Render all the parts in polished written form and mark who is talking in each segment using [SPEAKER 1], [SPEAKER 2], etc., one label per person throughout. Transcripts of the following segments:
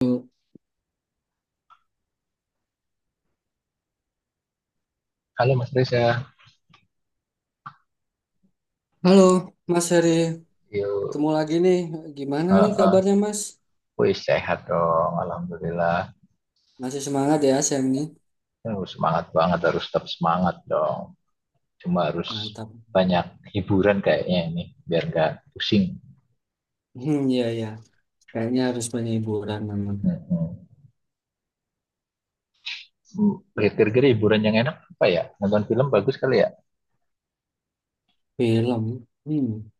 [SPEAKER 1] Halo,
[SPEAKER 2] Halo Mas Reza,
[SPEAKER 1] Mas Heri.
[SPEAKER 2] yuk.
[SPEAKER 1] Ketemu lagi nih. Gimana nih
[SPEAKER 2] Heeh.
[SPEAKER 1] kabarnya, Mas?
[SPEAKER 2] Wih, sehat dong, Alhamdulillah.
[SPEAKER 1] Masih semangat ya, Sam nih?
[SPEAKER 2] Aduh, semangat banget, harus tetap semangat dong. Cuma harus
[SPEAKER 1] Mantap.
[SPEAKER 2] banyak hiburan kayaknya ini, biar nggak pusing.
[SPEAKER 1] Iya, iya. Kayaknya harus banyak hiburan memang.
[SPEAKER 2] Heeh. Hmm, Kira-kira hiburan yang enak apa ya? Nonton film bagus kali ya?
[SPEAKER 1] Film. Hmm.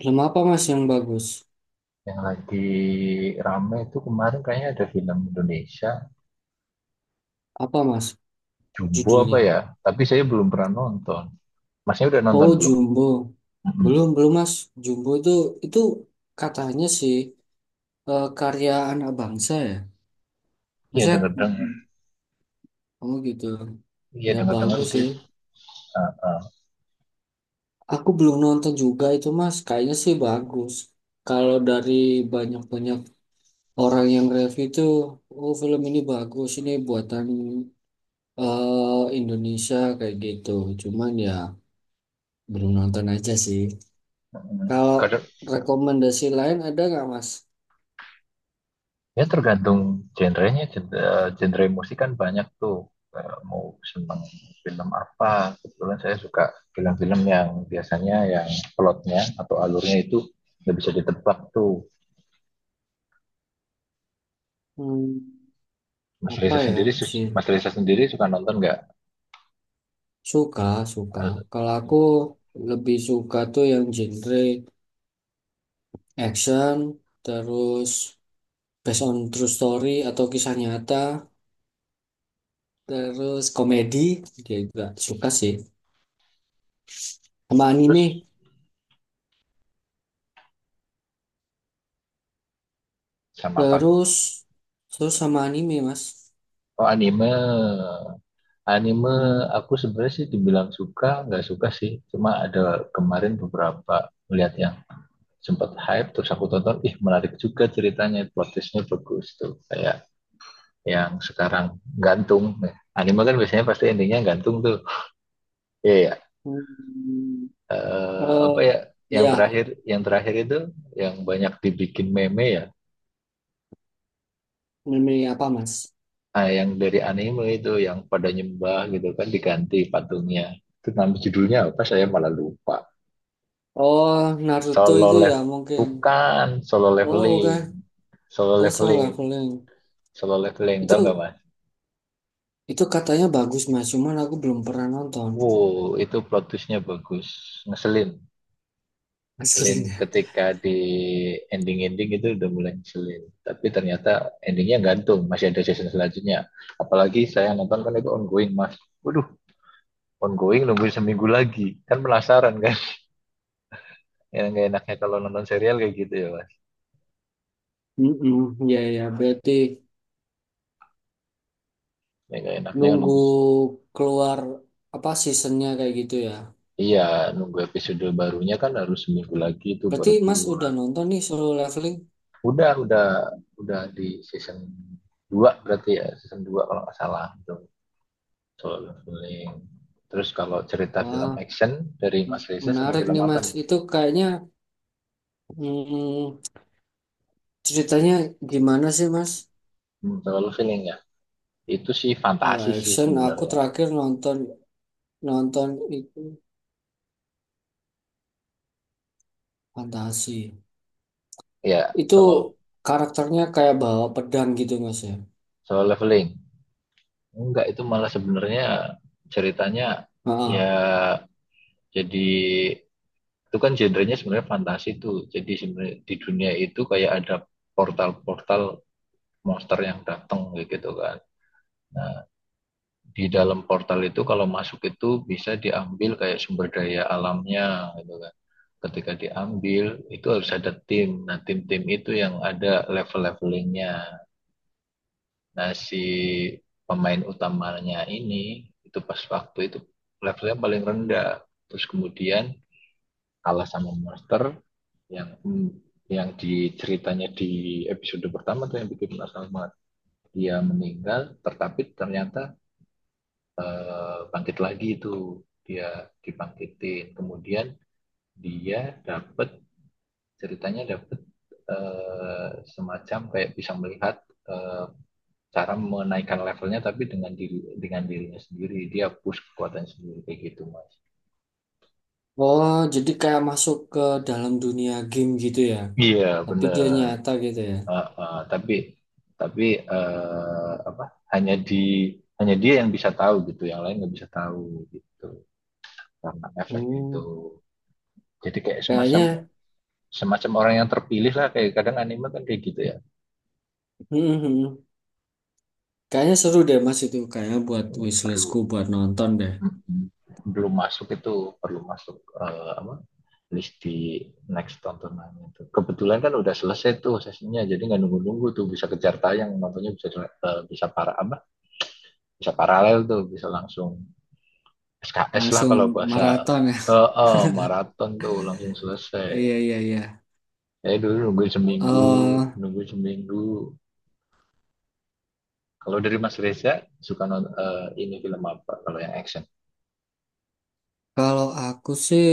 [SPEAKER 1] Film apa, Mas, yang bagus?
[SPEAKER 2] Yang lagi rame itu kemarin kayaknya ada film Indonesia,
[SPEAKER 1] Apa, Mas,
[SPEAKER 2] Jumbo apa
[SPEAKER 1] judulnya?
[SPEAKER 2] ya? Tapi saya belum pernah nonton. Masnya udah nonton
[SPEAKER 1] Oh,
[SPEAKER 2] belum?
[SPEAKER 1] Jumbo.
[SPEAKER 2] Mm-mm.
[SPEAKER 1] Belum, belum, Mas. Jumbo itu katanya sih karya anak bangsa ya.
[SPEAKER 2] Iya
[SPEAKER 1] Maksudnya,
[SPEAKER 2] denger-dengar.
[SPEAKER 1] hmm, oh gitu.
[SPEAKER 2] Iya
[SPEAKER 1] Ya,
[SPEAKER 2] denger-dengar
[SPEAKER 1] bagus sih.
[SPEAKER 2] gitu. Heeh.
[SPEAKER 1] Aku belum nonton juga itu Mas, kayaknya sih bagus. Kalau dari banyak-banyak orang yang review itu, oh film ini bagus, ini buatan Indonesia kayak gitu. Cuman ya belum nonton aja sih.
[SPEAKER 2] Mm-mm.
[SPEAKER 1] Kalau
[SPEAKER 2] Kadang
[SPEAKER 1] rekomendasi lain ada nggak Mas?
[SPEAKER 2] ya tergantung genrenya, genre musik kan banyak tuh. Mau seneng film apa? Kebetulan saya suka film-film yang biasanya yang plotnya atau alurnya itu nggak bisa ditebak tuh.
[SPEAKER 1] Hmm,
[SPEAKER 2] Mas
[SPEAKER 1] apa
[SPEAKER 2] Reza
[SPEAKER 1] ya?
[SPEAKER 2] sendiri,
[SPEAKER 1] Sih?
[SPEAKER 2] Mas Reza sendiri suka nonton nggak?
[SPEAKER 1] Suka, suka.
[SPEAKER 2] Al-
[SPEAKER 1] Kalau aku lebih suka tuh yang genre action, terus based on true story atau kisah nyata. Terus komedi dia juga suka sih. Sama anime.
[SPEAKER 2] Terus sama apa?
[SPEAKER 1] Terus terus sama anime mas.
[SPEAKER 2] Oh anime, anime
[SPEAKER 1] Mm-mm.
[SPEAKER 2] aku sebenarnya sih dibilang suka nggak suka sih. Cuma ada kemarin beberapa melihat yang sempat hype terus aku tonton ih menarik juga ceritanya plot twistnya bagus tuh kayak yang sekarang gantung. Nah, anime kan biasanya pasti endingnya gantung tuh iya ya,
[SPEAKER 1] Hmm.
[SPEAKER 2] apa ya,
[SPEAKER 1] Eh,
[SPEAKER 2] yang
[SPEAKER 1] iya,
[SPEAKER 2] terakhir, yang terakhir itu yang banyak dibikin meme ya,
[SPEAKER 1] anime apa mas?
[SPEAKER 2] ah, yang dari anime itu yang pada nyembah gitu kan diganti patungnya, itu nama judulnya apa saya malah lupa.
[SPEAKER 1] Oh, Naruto
[SPEAKER 2] Solo
[SPEAKER 1] itu ya
[SPEAKER 2] level,
[SPEAKER 1] mungkin.
[SPEAKER 2] bukan solo
[SPEAKER 1] Oh bukan.
[SPEAKER 2] leveling, solo
[SPEAKER 1] Oh, Solo
[SPEAKER 2] leveling,
[SPEAKER 1] Leveling.
[SPEAKER 2] solo leveling tau
[SPEAKER 1] Itu
[SPEAKER 2] nggak mas.
[SPEAKER 1] itu katanya bagus mas. Cuman aku belum pernah nonton
[SPEAKER 2] Wow, itu plot twistnya bagus, ngeselin, ngeselin
[SPEAKER 1] aslinya.
[SPEAKER 2] ketika di ending-ending itu udah mulai ngeselin. Tapi ternyata endingnya gantung, masih ada season selanjutnya. Apalagi saya nonton kan itu ongoing, Mas. Waduh, ongoing nungguin seminggu lagi, kan penasaran kan? Yang gak enaknya kalau nonton serial kayak gitu ya, Mas.
[SPEAKER 1] Mm-mm. Iya ya berarti
[SPEAKER 2] Yang gak enaknya
[SPEAKER 1] nunggu
[SPEAKER 2] nunggu,
[SPEAKER 1] keluar apa seasonnya kayak gitu ya.
[SPEAKER 2] iya nunggu episode barunya kan harus seminggu lagi itu
[SPEAKER 1] Berarti
[SPEAKER 2] baru
[SPEAKER 1] Mas udah
[SPEAKER 2] keluar.
[SPEAKER 1] nonton nih Solo Leveling?
[SPEAKER 2] Udah, udah, udah di season dua berarti ya, season dua kalau nggak salah. Gitu. Feeling. Terus kalau cerita film
[SPEAKER 1] Wah,
[SPEAKER 2] action dari Mas
[SPEAKER 1] men-
[SPEAKER 2] Reza senang
[SPEAKER 1] menarik
[SPEAKER 2] film
[SPEAKER 1] nih
[SPEAKER 2] apa
[SPEAKER 1] Mas.
[SPEAKER 2] nih?
[SPEAKER 1] Itu kayaknya mm, ceritanya gimana sih Mas?
[SPEAKER 2] Hmm, solo leveling ya. Itu sih
[SPEAKER 1] Kalau
[SPEAKER 2] fantasi sih
[SPEAKER 1] action, aku
[SPEAKER 2] sebenarnya.
[SPEAKER 1] terakhir nonton nonton itu fantasi.
[SPEAKER 2] Ya,
[SPEAKER 1] Itu
[SPEAKER 2] solo
[SPEAKER 1] karakternya kayak bawa pedang gitu Mas ya.
[SPEAKER 2] solo leveling. Enggak, itu malah sebenarnya ceritanya
[SPEAKER 1] Heeh.
[SPEAKER 2] ya jadi itu kan genrenya sebenarnya fantasi tuh. Jadi sebenarnya di dunia itu kayak ada portal-portal monster yang datang gitu kan. Nah, di dalam portal itu kalau masuk itu bisa diambil kayak sumber daya alamnya gitu kan, ketika diambil itu harus ada tim. Nah, tim-tim itu yang ada level-levelingnya. Nah, si pemain utamanya ini itu pas waktu itu levelnya paling rendah. Terus kemudian kalah sama monster yang yang diceritanya di episode pertama tuh yang bikin penasaran banget. Dia meninggal, tetapi ternyata bangkit lagi, itu dia dibangkitin. Kemudian dia dapat, ceritanya dapat semacam kayak bisa melihat eh, cara menaikkan levelnya tapi dengan diri dengan dirinya sendiri dia push kekuatan sendiri kayak gitu mas.
[SPEAKER 1] Oh, jadi kayak masuk ke dalam dunia game gitu ya.
[SPEAKER 2] Iya
[SPEAKER 1] Tapi dia
[SPEAKER 2] benar.
[SPEAKER 1] nyata gitu ya.
[SPEAKER 2] Ah, ah, tapi tapi apa, hanya di hanya dia yang bisa tahu gitu, yang lain nggak bisa tahu gitu karena efek itu,
[SPEAKER 1] Hmm,
[SPEAKER 2] jadi kayak semacam,
[SPEAKER 1] kayaknya,
[SPEAKER 2] semacam orang yang terpilih lah, kayak kadang anime kan kayak gitu ya.
[SPEAKER 1] hmm, hmm, hmm, kayaknya seru deh Mas itu. Kayaknya buat
[SPEAKER 2] Perlu,
[SPEAKER 1] wishlistku buat nonton deh.
[SPEAKER 2] mm-hmm, belum masuk itu, perlu masuk apa, list di next tontonan itu. Kebetulan kan udah selesai tuh sesinya, jadi nggak nunggu-nunggu tuh bisa kejar tayang nontonnya bisa bisa para apa bisa paralel tuh bisa langsung SKS lah
[SPEAKER 1] Langsung
[SPEAKER 2] kalau bahasa
[SPEAKER 1] maraton ya.
[SPEAKER 2] maraton tuh langsung selesai.
[SPEAKER 1] Iya, iya, iya.
[SPEAKER 2] Eh dulu nunggu seminggu,
[SPEAKER 1] eh
[SPEAKER 2] nunggu seminggu. Kalau dari Mas Reza suka nonton ini film apa kalau yang action?
[SPEAKER 1] Kalau aku sih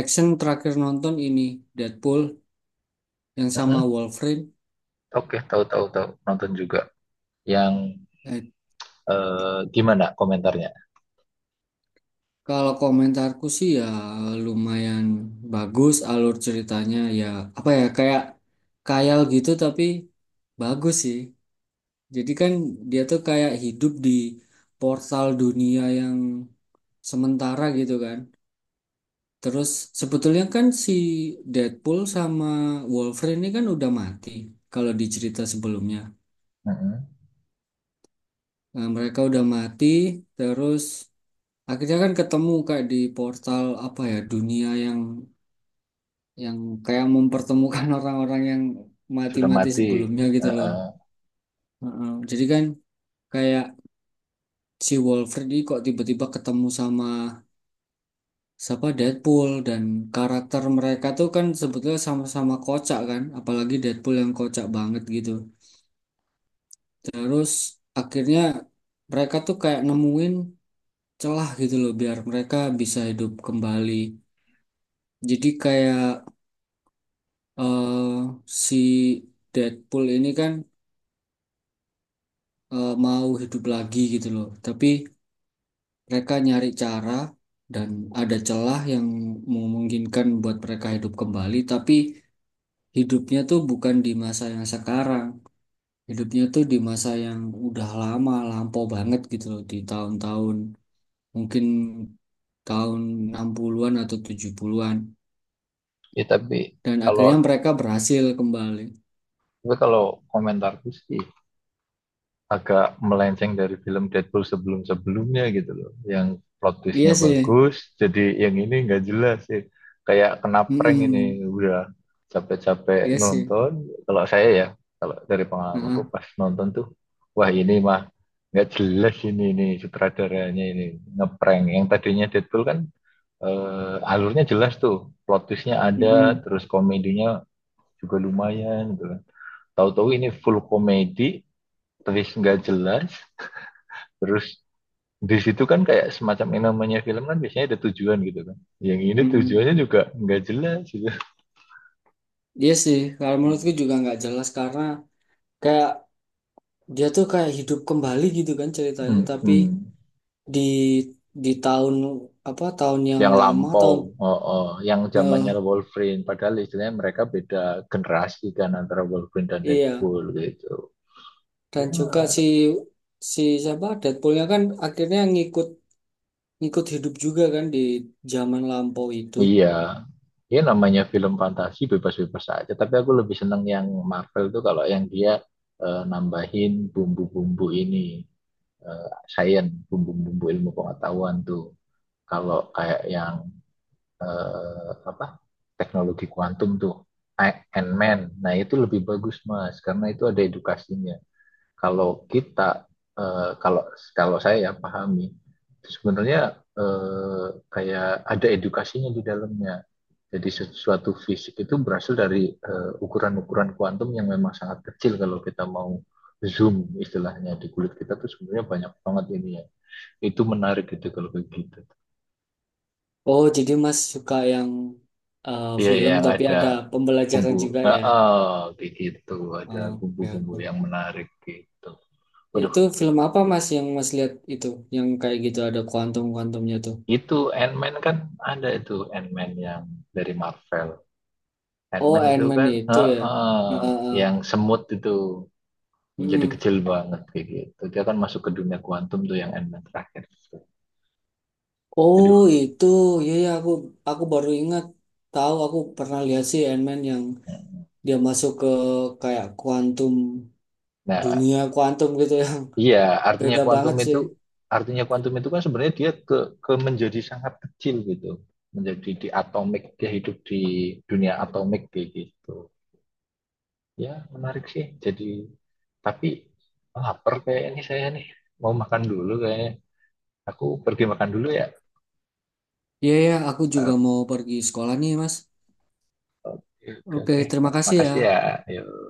[SPEAKER 1] action terakhir nonton ini Deadpool yang sama
[SPEAKER 2] Mm-mm.
[SPEAKER 1] Wolverine.
[SPEAKER 2] Oke, tahu tahu tahu nonton juga yang
[SPEAKER 1] Eh,
[SPEAKER 2] gimana komentarnya?
[SPEAKER 1] kalau komentarku sih ya lumayan bagus alur ceritanya ya, apa ya, kayak khayal gitu tapi bagus sih. Jadi kan dia tuh kayak hidup di portal dunia yang sementara gitu kan. Terus sebetulnya kan si Deadpool sama Wolverine ini kan udah mati kalau di cerita sebelumnya.
[SPEAKER 2] Mm-mm.
[SPEAKER 1] Nah, mereka udah mati terus akhirnya kan ketemu kayak di portal apa ya dunia yang kayak mempertemukan orang-orang yang
[SPEAKER 2] Sudah
[SPEAKER 1] mati-mati
[SPEAKER 2] mati.
[SPEAKER 1] sebelumnya gitu loh.
[SPEAKER 2] Heeh.
[SPEAKER 1] Heeh. Jadi kan kayak si Wolverine ini kok tiba-tiba ketemu sama siapa Deadpool dan karakter mereka tuh kan sebetulnya sama-sama kocak kan, apalagi Deadpool yang kocak banget gitu. Terus akhirnya mereka tuh kayak nemuin celah gitu loh biar mereka bisa hidup kembali. Jadi kayak si Deadpool ini kan mau hidup lagi gitu loh. Tapi mereka nyari cara dan ada celah yang memungkinkan buat mereka hidup kembali. Tapi hidupnya tuh bukan di masa yang sekarang. Hidupnya tuh di masa yang udah lama, lampau banget gitu loh. Di tahun-tahun mungkin tahun 60-an atau 70-an
[SPEAKER 2] Ya tapi
[SPEAKER 1] dan
[SPEAKER 2] kalau,
[SPEAKER 1] akhirnya mereka berhasil kembali.
[SPEAKER 2] tapi kalau komentarku sih agak melenceng dari film Deadpool sebelum-sebelumnya gitu loh. Yang plot
[SPEAKER 1] Iya
[SPEAKER 2] twistnya
[SPEAKER 1] sih.
[SPEAKER 2] bagus, jadi yang ini nggak jelas sih. Kayak kena prank ini,
[SPEAKER 1] Mm-mm.
[SPEAKER 2] udah capek-capek
[SPEAKER 1] Iya sih.
[SPEAKER 2] nonton. Kalau saya ya, kalau dari pengalamanku
[SPEAKER 1] Heeh.
[SPEAKER 2] pas nonton tuh, wah ini mah nggak jelas ini sutradaranya ini ngeprank. Yang tadinya Deadpool kan alurnya jelas tuh, plot twistnya ada,
[SPEAKER 1] Mm-mm.
[SPEAKER 2] terus komedinya juga lumayan gitu kan. Tahu-tahu ini full komedi, twist nggak jelas, terus di situ kan kayak semacam, yang namanya film kan biasanya ada tujuan gitu kan. Yang ini
[SPEAKER 1] Mm-mm.
[SPEAKER 2] tujuannya juga nggak jelas gitu.
[SPEAKER 1] Iya sih. Kalau menurutku juga nggak jelas karena kayak dia tuh kayak hidup kembali gitu kan ceritanya
[SPEAKER 2] Hmm,
[SPEAKER 1] tapi
[SPEAKER 2] hmm.
[SPEAKER 1] di di tahun apa tahun yang
[SPEAKER 2] Yang
[SPEAKER 1] lama
[SPEAKER 2] lampau,
[SPEAKER 1] tahun
[SPEAKER 2] oh, oh. Yang
[SPEAKER 1] eh,
[SPEAKER 2] zamannya Wolverine, padahal istilahnya mereka beda generasi kan antara Wolverine dan
[SPEAKER 1] iya
[SPEAKER 2] Deadpool gitu.
[SPEAKER 1] dan juga si
[SPEAKER 2] Ya,
[SPEAKER 1] si siapa Deadpoolnya kan akhirnya ngikut ngikut hidup juga kan di zaman lampau itu.
[SPEAKER 2] iya, ya namanya film fantasi bebas-bebas aja. Tapi aku lebih seneng yang Marvel tuh kalau yang dia nambahin bumbu-bumbu ini, eh science, bumbu-bumbu ilmu pengetahuan tuh. Kalau kayak yang apa, teknologi kuantum tuh, Ant-Man. Nah itu lebih bagus Mas, karena itu ada edukasinya. Kalau kita, eh, kalau kalau saya ya pahami, sebenarnya eh, kayak ada edukasinya di dalamnya, jadi sesuatu fisik itu berasal dari ukuran-ukuran kuantum yang memang sangat kecil, kalau kita mau zoom istilahnya di kulit kita tuh sebenarnya banyak banget ini ya. Itu menarik gitu kalau begitu.
[SPEAKER 1] Oh, jadi Mas suka yang
[SPEAKER 2] Iya
[SPEAKER 1] film
[SPEAKER 2] yang
[SPEAKER 1] tapi
[SPEAKER 2] ada
[SPEAKER 1] ada
[SPEAKER 2] bumbu,
[SPEAKER 1] pembelajaran juga ya.
[SPEAKER 2] kayak gitu, ada
[SPEAKER 1] Oke,
[SPEAKER 2] bumbu-bumbu
[SPEAKER 1] oke.
[SPEAKER 2] yang menarik gitu. Waduh,
[SPEAKER 1] Itu film apa Mas yang Mas lihat itu? Yang kayak gitu ada kuantum-kuantumnya tuh.
[SPEAKER 2] itu Ant-Man kan ada, itu Ant-Man yang dari Marvel.
[SPEAKER 1] Oh,
[SPEAKER 2] Ant-Man
[SPEAKER 1] Iron
[SPEAKER 2] itu
[SPEAKER 1] Man
[SPEAKER 2] kan
[SPEAKER 1] itu ya. Heeh,
[SPEAKER 2] yang
[SPEAKER 1] heeh.
[SPEAKER 2] semut itu, yang jadi
[SPEAKER 1] Mm-mm.
[SPEAKER 2] kecil banget kayak gitu. Dia kan masuk ke dunia kuantum tuh yang elemen terakhir.
[SPEAKER 1] Oh,
[SPEAKER 2] Aduh.
[SPEAKER 1] itu. Iya, ya, aku baru ingat. Tahu aku pernah lihat sih Iron Man yang dia masuk ke kayak kuantum
[SPEAKER 2] Nah,
[SPEAKER 1] dunia kuantum gitu yang
[SPEAKER 2] iya, artinya
[SPEAKER 1] beda
[SPEAKER 2] kuantum
[SPEAKER 1] banget
[SPEAKER 2] itu,
[SPEAKER 1] sih.
[SPEAKER 2] artinya kuantum itu kan sebenarnya dia ke menjadi sangat kecil gitu. Menjadi di atomik, dia hidup di dunia atomik kayak gitu. Ya, menarik sih. Jadi tapi lapar kayak ini saya nih. Mau makan dulu kayaknya. Aku pergi makan dulu ya.
[SPEAKER 1] Iya, ya, aku
[SPEAKER 2] Eh,
[SPEAKER 1] juga mau pergi sekolah nih, Mas.
[SPEAKER 2] Oke, oke,
[SPEAKER 1] Oke,
[SPEAKER 2] oke.
[SPEAKER 1] terima kasih ya.
[SPEAKER 2] Makasih ya. Yuk.